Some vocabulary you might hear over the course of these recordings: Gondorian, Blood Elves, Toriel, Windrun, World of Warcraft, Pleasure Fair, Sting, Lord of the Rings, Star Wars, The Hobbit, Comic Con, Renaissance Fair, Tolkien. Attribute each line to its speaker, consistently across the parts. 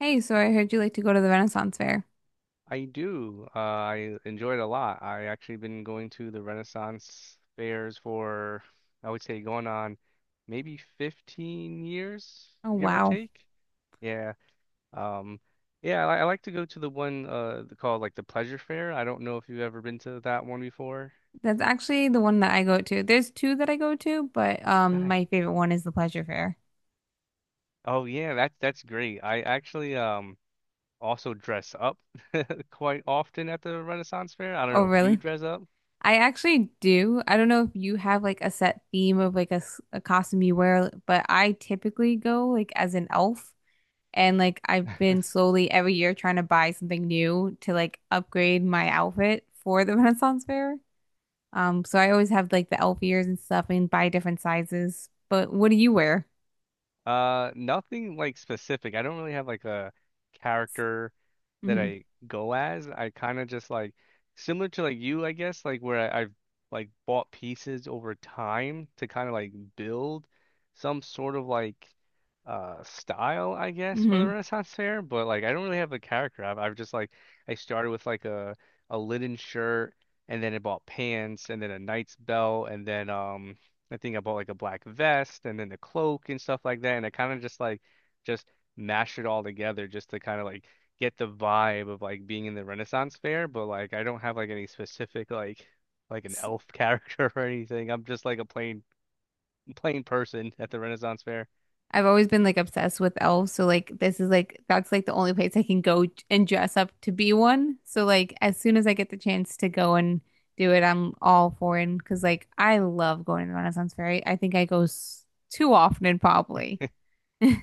Speaker 1: Hey, so I heard you like to go to the Renaissance Fair.
Speaker 2: I do. I enjoy it a lot. I actually been going to the Renaissance fairs for, I would say, going on maybe 15 years,
Speaker 1: Oh,
Speaker 2: give or
Speaker 1: wow.
Speaker 2: take. Yeah. Um, yeah, I like to go to the one called like the Pleasure Fair. I don't know if you've ever been to that one before.
Speaker 1: That's actually the one that I go to. There's two that I go to, but my
Speaker 2: Nice.
Speaker 1: favorite one is the Pleasure Fair.
Speaker 2: Oh yeah, that's great. I actually also dress up quite often at the Renaissance Fair. I don't
Speaker 1: Oh,
Speaker 2: know if you
Speaker 1: really?
Speaker 2: dress up.
Speaker 1: I actually do. I don't know if you have like a set theme of like a costume you wear, but I typically go like as an elf, and like I've been slowly every year trying to buy something new to like upgrade my outfit for the Renaissance Fair. So I always have like the elf ears and stuff and buy different sizes. But what do you wear?
Speaker 2: Nothing like specific. I don't really have like a character that
Speaker 1: Mhm.
Speaker 2: I go as. I kind of just like similar to like you, I guess, like where I've like bought pieces over time to kind of like build some sort of like style, I guess, for the
Speaker 1: Hmm.
Speaker 2: Renaissance Fair. But like I don't really have a character. I've just like I started with like a linen shirt and then I bought pants and then a knight's belt and then I think I bought like a black vest and then the cloak and stuff like that. And I kind of just like just mashed it all together just to kind of like get the vibe of like being in the Renaissance fair. But like I don't have like any specific like an elf character or anything. I'm just like a plain person at the Renaissance fair.
Speaker 1: I've always been like obsessed with elves, so like this is like that's like the only place I can go and dress up to be one. So like as soon as I get the chance to go and do it, I'm all for it because like I love going to the Renaissance Fair. I think I go s too often probably.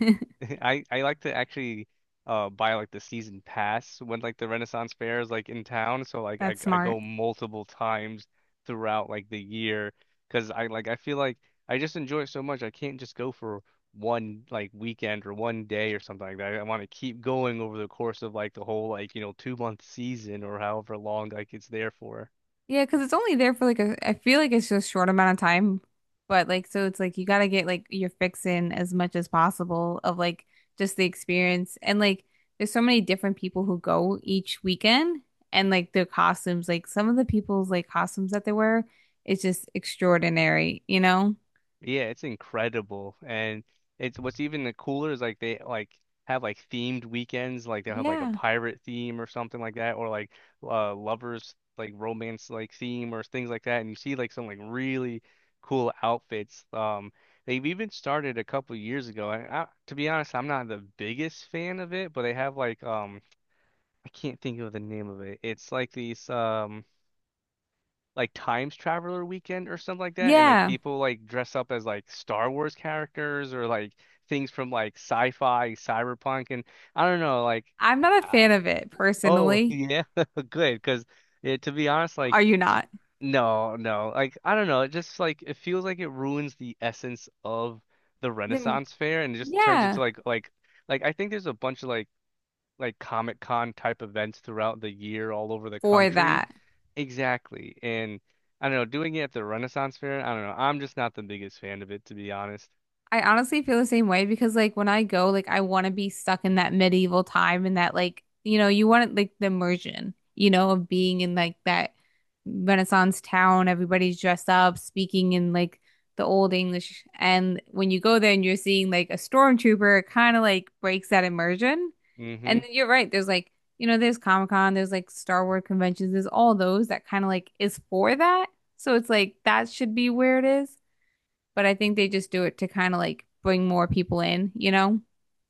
Speaker 2: I like to actually buy like the season pass when like the Renaissance Fair is like in town, so like I
Speaker 1: That's
Speaker 2: I
Speaker 1: smart.
Speaker 2: go multiple times throughout like the year because I like I feel like I just enjoy it so much. I can't just go for one like weekend or one day or something like that. I, want to keep going over the course of like the whole like you know 2 month season or however long like it's there for.
Speaker 1: Yeah, because it's only there for like a, I feel like it's just short amount of time. But like, so it's like you gotta get like your fix in as much as possible of like just the experience. And like, there's so many different people who go each weekend, and like their costumes, like some of the people's like costumes that they wear, it's just extraordinary, you know?
Speaker 2: Yeah, it's incredible. And it's what's even the cooler is like they like have like themed weekends, like they'll have like a
Speaker 1: Yeah.
Speaker 2: pirate theme or something like that, or like lovers like romance like theme or things like that. And you see like some like really cool outfits. They've even started a couple years ago. And I, to be honest, I'm not the biggest fan of it, but they have like I can't think of the name of it. It's like these like Times Traveler Weekend or something like that, and like
Speaker 1: Yeah.
Speaker 2: people like dress up as like Star Wars characters or like things from like sci-fi, cyberpunk, and I don't know, like,
Speaker 1: I'm not a
Speaker 2: uh,
Speaker 1: fan of it
Speaker 2: oh
Speaker 1: personally.
Speaker 2: yeah, good, because yeah, to be honest, like
Speaker 1: Are you not?
Speaker 2: no, no, like I don't know, it just like it feels like it ruins the essence of the
Speaker 1: Then,
Speaker 2: Renaissance Fair and it just turns into
Speaker 1: yeah,
Speaker 2: like I think there's a bunch of like Comic Con type events throughout the year all over the
Speaker 1: for
Speaker 2: country.
Speaker 1: that.
Speaker 2: Exactly. And I don't know, doing it at the Renaissance Fair, I don't know. I'm just not the biggest fan of it, to be honest.
Speaker 1: I honestly feel the same way because like when I go, like I want to be stuck in that medieval time and that like, you know, you want like the immersion, you know, of being in like that Renaissance town, everybody's dressed up, speaking in like the old English. And when you go there and you're seeing like a stormtrooper, it kind of like breaks that immersion. And
Speaker 2: Hmm.
Speaker 1: then you're right, there's like, you know, there's Comic-Con, there's like Star Wars conventions, there's all those that kind of like is for that. So it's like that should be where it is, but I think they just do it to kind of like bring more people in, you know?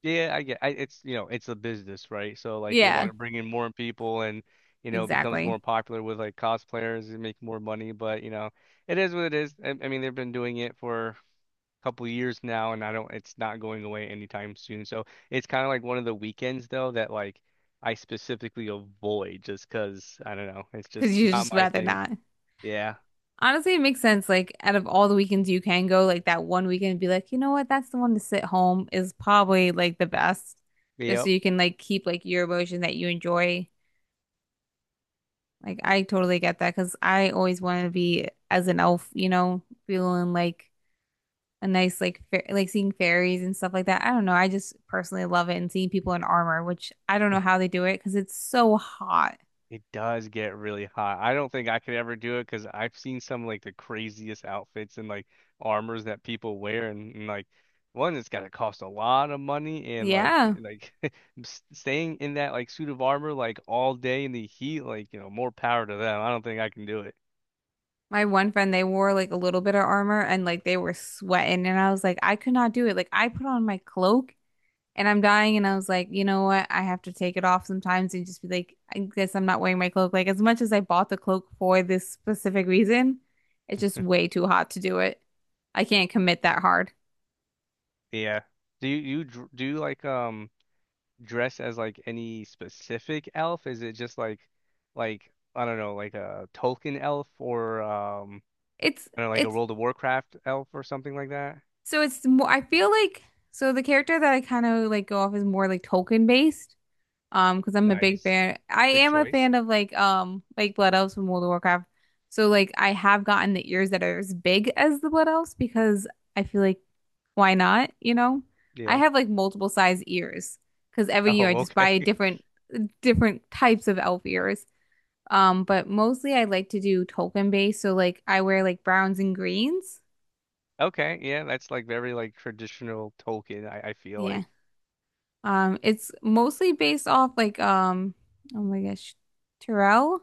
Speaker 2: Yeah, I get I, it's you know, it's a business, right? So like they want
Speaker 1: Yeah,
Speaker 2: to bring in more people and you know, becomes
Speaker 1: exactly.
Speaker 2: more popular with like cosplayers and make more money, but you know, it is what it is. I mean, they've been doing it for a couple of years now and I don't it's not going away anytime soon. So it's kind of like one of the weekends though that like I specifically avoid just 'cause I don't know, it's
Speaker 1: Because
Speaker 2: just
Speaker 1: you
Speaker 2: not
Speaker 1: just
Speaker 2: my
Speaker 1: rather
Speaker 2: thing.
Speaker 1: not.
Speaker 2: Yeah.
Speaker 1: Honestly, it makes sense. Like, out of all the weekends you can go, like that one weekend, and be like, you know what? That's the one to sit home is probably like the best, just so
Speaker 2: Yep.
Speaker 1: you can like keep like your emotion that you enjoy. Like, I totally get that because I always want to be as an elf, you know, feeling like a nice like fa like seeing fairies and stuff like that. I don't know. I just personally love it and seeing people in armor, which I don't know how they do it because it's so hot.
Speaker 2: It does get really hot. I don't think I could ever do it because I've seen some like the craziest outfits and like armors that people wear and like one it's gotta cost a lot of money and
Speaker 1: Yeah.
Speaker 2: like s- staying in that like suit of armor like all day in the heat like you know more power to them. I don't think I can do it.
Speaker 1: My one friend, they wore like a little bit of armor and like they were sweating and I was like, I could not do it. Like I put on my cloak and I'm dying and I was like, you know what? I have to take it off sometimes and just be like, I guess I'm not wearing my cloak. Like as much as I bought the cloak for this specific reason, it's just way too hot to do it. I can't commit that hard.
Speaker 2: Yeah. Do you, do you like dress as like any specific elf? Is it just like I don't know like a Tolkien elf or
Speaker 1: It's
Speaker 2: kind of like a
Speaker 1: it's
Speaker 2: World of Warcraft elf or something like that.
Speaker 1: So it's more, I feel like, so the character that I kind of like go off is more like Tolkien based. Because I'm a big
Speaker 2: Nice.
Speaker 1: fan. I
Speaker 2: Good
Speaker 1: am a
Speaker 2: choice.
Speaker 1: fan of like Blood Elves from World of Warcraft. So like I have gotten the ears that are as big as the Blood Elves because I feel like why not, you know? I
Speaker 2: Yeah.
Speaker 1: have like multiple size ears because every
Speaker 2: Oh,
Speaker 1: year I just
Speaker 2: okay.
Speaker 1: buy different types of elf ears. But mostly I like to do Tolkien based. So like I wear like browns and greens.
Speaker 2: Okay. Yeah, that's like very like traditional Tolkien, I feel
Speaker 1: Yeah.
Speaker 2: like.
Speaker 1: It's mostly based off like oh my gosh, Terrell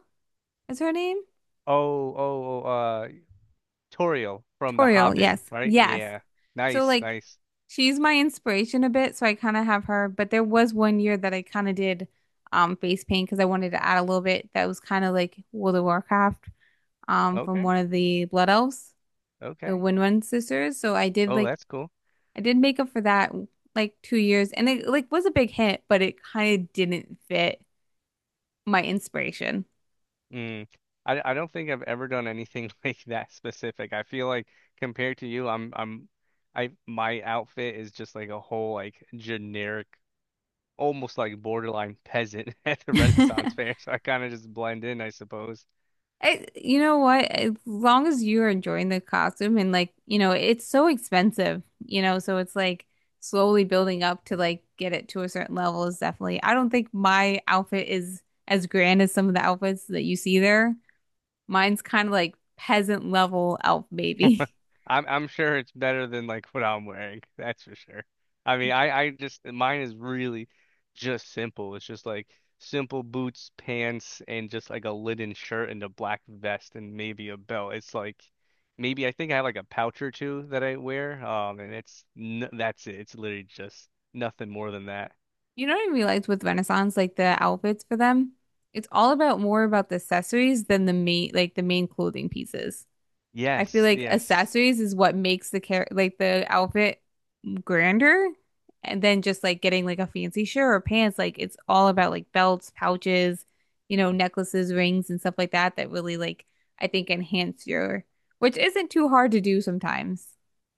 Speaker 1: is her name?
Speaker 2: Oh, oh, oh, uh, Toriel from The
Speaker 1: Toriel,
Speaker 2: Hobbit,
Speaker 1: yes.
Speaker 2: right?
Speaker 1: Yes.
Speaker 2: Yeah.
Speaker 1: So
Speaker 2: Nice,
Speaker 1: like
Speaker 2: nice.
Speaker 1: she's my inspiration a bit, so I kind of have her, but there was one year that I kind of did face paint because I wanted to add a little bit that was kind of like World of Warcraft from
Speaker 2: Okay.
Speaker 1: one of the Blood Elves, the
Speaker 2: Okay.
Speaker 1: Windrun sisters. So I did
Speaker 2: Oh,
Speaker 1: like
Speaker 2: that's cool.
Speaker 1: I did makeup for that like 2 years and it like was a big hit, but it kind of didn't fit my inspiration.
Speaker 2: Mm. I don't think I've ever done anything like that specific. I feel like compared to you, I'm I my outfit is just like a whole like generic almost like borderline peasant at the Renaissance fair, so I kind of just blend in, I suppose.
Speaker 1: I, you know what? As long as you're enjoying the costume and like, you know, it's so expensive, you know, so it's like slowly building up to like get it to a certain level is definitely. I don't think my outfit is as grand as some of the outfits that you see there. Mine's kind of like peasant level elf baby.
Speaker 2: I'm sure it's better than like what I'm wearing, that's for sure. I mean, I just mine is really just simple. It's just like simple boots, pants, and just like a linen shirt and a black vest and maybe a belt. It's like maybe I think I have like a pouch or two that I wear, and it's n that's it. It's literally just nothing more than that.
Speaker 1: You know what I realized with Renaissance, like the outfits for them, it's all about more about the accessories than the main like the main clothing pieces. I feel
Speaker 2: Yes,
Speaker 1: like
Speaker 2: yes.
Speaker 1: accessories is what makes the care like the outfit grander. And then just like getting like a fancy shirt or pants, like it's all about like belts, pouches, you know, necklaces, rings, and stuff like that that really like I think enhance your, which isn't too hard to do sometimes.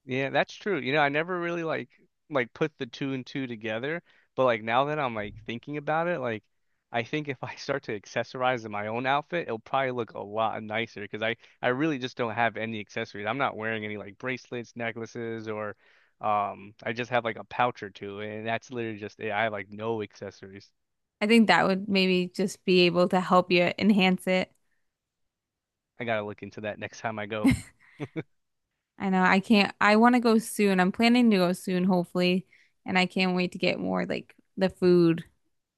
Speaker 2: Yeah, that's true. You know, I never really like put the two and two together, but like now that I'm like thinking about it, like I think if I start to accessorize in my own outfit, it'll probably look a lot nicer because I really just don't have any accessories. I'm not wearing any like bracelets, necklaces, or I just have like a pouch or two, and that's literally just it. I have like no accessories.
Speaker 1: I think that would maybe just be able to help you enhance it.
Speaker 2: I gotta look into that next time I go.
Speaker 1: I know I can't, I want to go soon. I'm planning to go soon, hopefully, and I can't wait to get more like the food.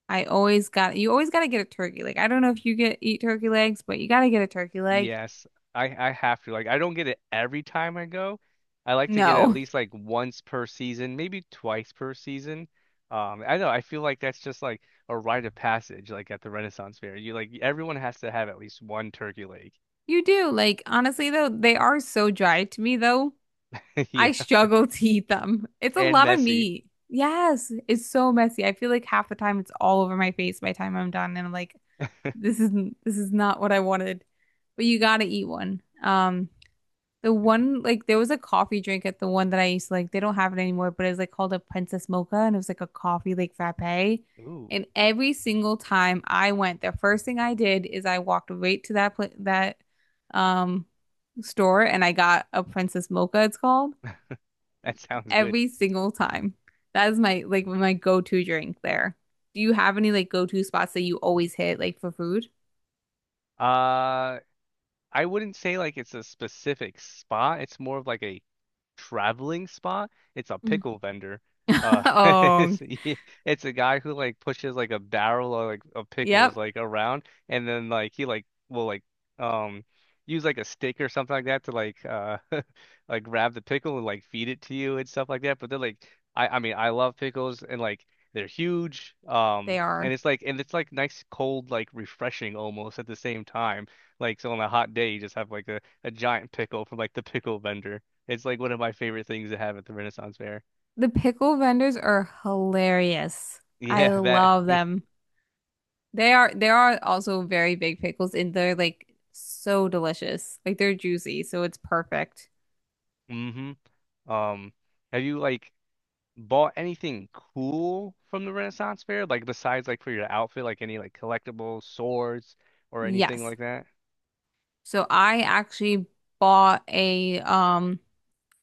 Speaker 1: I always got you always got to get a turkey. Like I don't know if you get eat turkey legs, but you got to get a turkey leg.
Speaker 2: Yes, I have to. Like I don't get it every time I go. I like to get it at
Speaker 1: No.
Speaker 2: least like once per season, maybe twice per season. I know I feel like that's just like a rite of passage, like at the Renaissance Fair. You like everyone has to have at least one turkey leg.
Speaker 1: You do. Like honestly though, they are so dry to me though. I
Speaker 2: Yeah,
Speaker 1: struggle to eat them. It's a
Speaker 2: and
Speaker 1: lot of
Speaker 2: messy.
Speaker 1: meat. Yes, it's so messy. I feel like half the time it's all over my face by the time I'm done and I'm like this isn't this is not what I wanted. But you got to eat one. The one like there was a coffee drink at the one that I used to like. They don't have it anymore, but it was like called a Princess Mocha, and it was like a coffee like frappe.
Speaker 2: Ooh,
Speaker 1: And every single time I went, the first thing I did is I walked right to that pla that um store and I got a Princess Mocha. It's called
Speaker 2: that sounds good.
Speaker 1: every single time. That is my like my go-to drink there. Do you have any like go-to spots that you always hit like for food?
Speaker 2: Uh, I wouldn't say like it's a specific spot. It's more of like a traveling spot. It's a
Speaker 1: Mm.
Speaker 2: pickle vendor.
Speaker 1: Oh,
Speaker 2: It's, yeah, it's a guy who like pushes like a barrel of like of pickles
Speaker 1: yep,
Speaker 2: like around, and then like he like will like um use like a stick or something like that to like like grab the pickle and like feed it to you and stuff like that. But they're like I mean I love pickles and like they're huge.
Speaker 1: they are.
Speaker 2: And it's like nice, cold, like refreshing almost at the same time. Like, so on a hot day, you just have like a giant pickle from like the pickle vendor. It's like one of my favorite things to have at the Renaissance Fair.
Speaker 1: The pickle vendors are hilarious. I
Speaker 2: Yeah, that.
Speaker 1: love them. They are there are also very big pickles and they're like so delicious. Like they're juicy, so it's perfect.
Speaker 2: Hmm. Um, have you like bought anything cool from the Renaissance Fair? Like besides like for your outfit, like any like collectibles, swords, or anything
Speaker 1: Yes.
Speaker 2: like that?
Speaker 1: So I actually bought a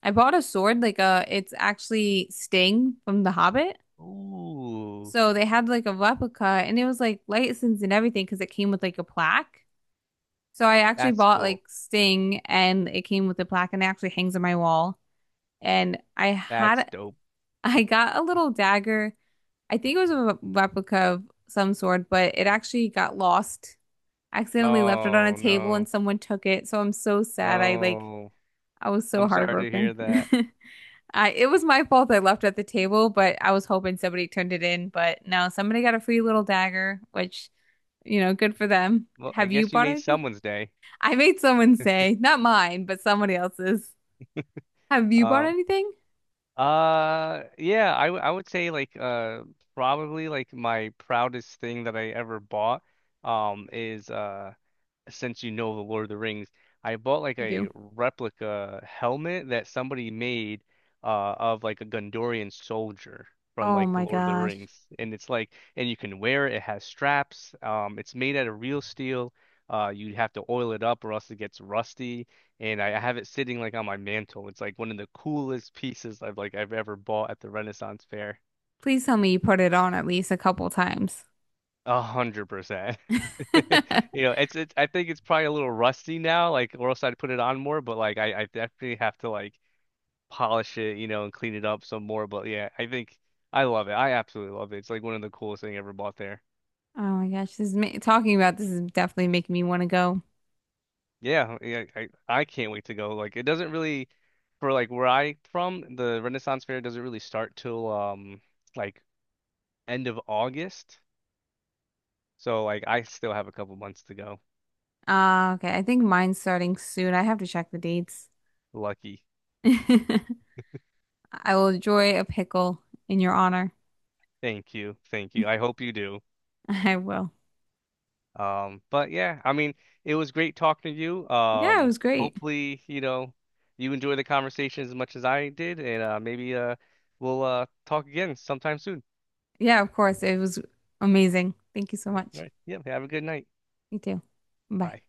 Speaker 1: I bought a sword like a it's actually Sting from The Hobbit.
Speaker 2: Ooh,
Speaker 1: So they had like a replica and it was like licensed and everything because it came with like a plaque. So I actually
Speaker 2: that's
Speaker 1: bought
Speaker 2: cool.
Speaker 1: like Sting and it came with a plaque and it actually hangs on my wall. And I
Speaker 2: That's
Speaker 1: had
Speaker 2: dope.
Speaker 1: I got a little dagger. I think it was a replica of some sort, but it actually got lost. I accidentally left it on a
Speaker 2: Oh
Speaker 1: table and
Speaker 2: no.
Speaker 1: someone took it. So I'm so sad. I like
Speaker 2: Oh,
Speaker 1: I was so
Speaker 2: I'm sorry to
Speaker 1: heartbroken.
Speaker 2: hear that.
Speaker 1: I it was my fault I left it at the table, but I was hoping somebody turned it in. But no, somebody got a free little dagger, which, you know, good for them.
Speaker 2: Well, I
Speaker 1: Have you
Speaker 2: guess you
Speaker 1: bought
Speaker 2: made
Speaker 1: anything?
Speaker 2: someone's day.
Speaker 1: I made someone say, not mine, but somebody else's. Have you bought
Speaker 2: Um.
Speaker 1: anything?
Speaker 2: Yeah, I would say like probably like my proudest thing that I ever bought is since you know the Lord of the Rings, I bought like
Speaker 1: I
Speaker 2: a
Speaker 1: do.
Speaker 2: replica helmet that somebody made of like a Gondorian soldier from
Speaker 1: Oh
Speaker 2: like the
Speaker 1: my
Speaker 2: Lord of the
Speaker 1: gosh.
Speaker 2: Rings, and it's like, and you can wear it. It has straps. It's made out of real steel. You have to oil it up or else it gets rusty. And I have it sitting like on my mantle. It's like one of the coolest pieces I've ever bought at the Renaissance Fair.
Speaker 1: Please tell me you put it on at least a couple times.
Speaker 2: 100%.
Speaker 1: Oh
Speaker 2: You know, it's I think it's probably a little rusty now, like or else I'd put it on more, but like I definitely have to like polish it, you know, and clean it up some more. But yeah, I think I love it. I absolutely love it. It's like one of the coolest thing I ever bought there.
Speaker 1: my gosh, this is ma- talking about this is definitely making me want to go.
Speaker 2: Yeah, yeah, I can't wait to go. Like it doesn't really for like where I from, the Renaissance Fair doesn't really start till like end of August. So like I still have a couple months to go.
Speaker 1: Okay, I think mine's starting soon. I have to check the dates.
Speaker 2: Lucky.
Speaker 1: I will enjoy a pickle in your honor.
Speaker 2: Thank you. Thank you. I hope you do.
Speaker 1: I will.
Speaker 2: But yeah, I mean, it was great talking to you.
Speaker 1: Yeah, it was great.
Speaker 2: Hopefully, you know, you enjoy the conversation as much as I did, and maybe we'll talk again sometime soon.
Speaker 1: Yeah, of course. It was amazing. Thank you so
Speaker 2: All
Speaker 1: much.
Speaker 2: right. Yeah, have a good night.
Speaker 1: You too. Bye.
Speaker 2: Bye.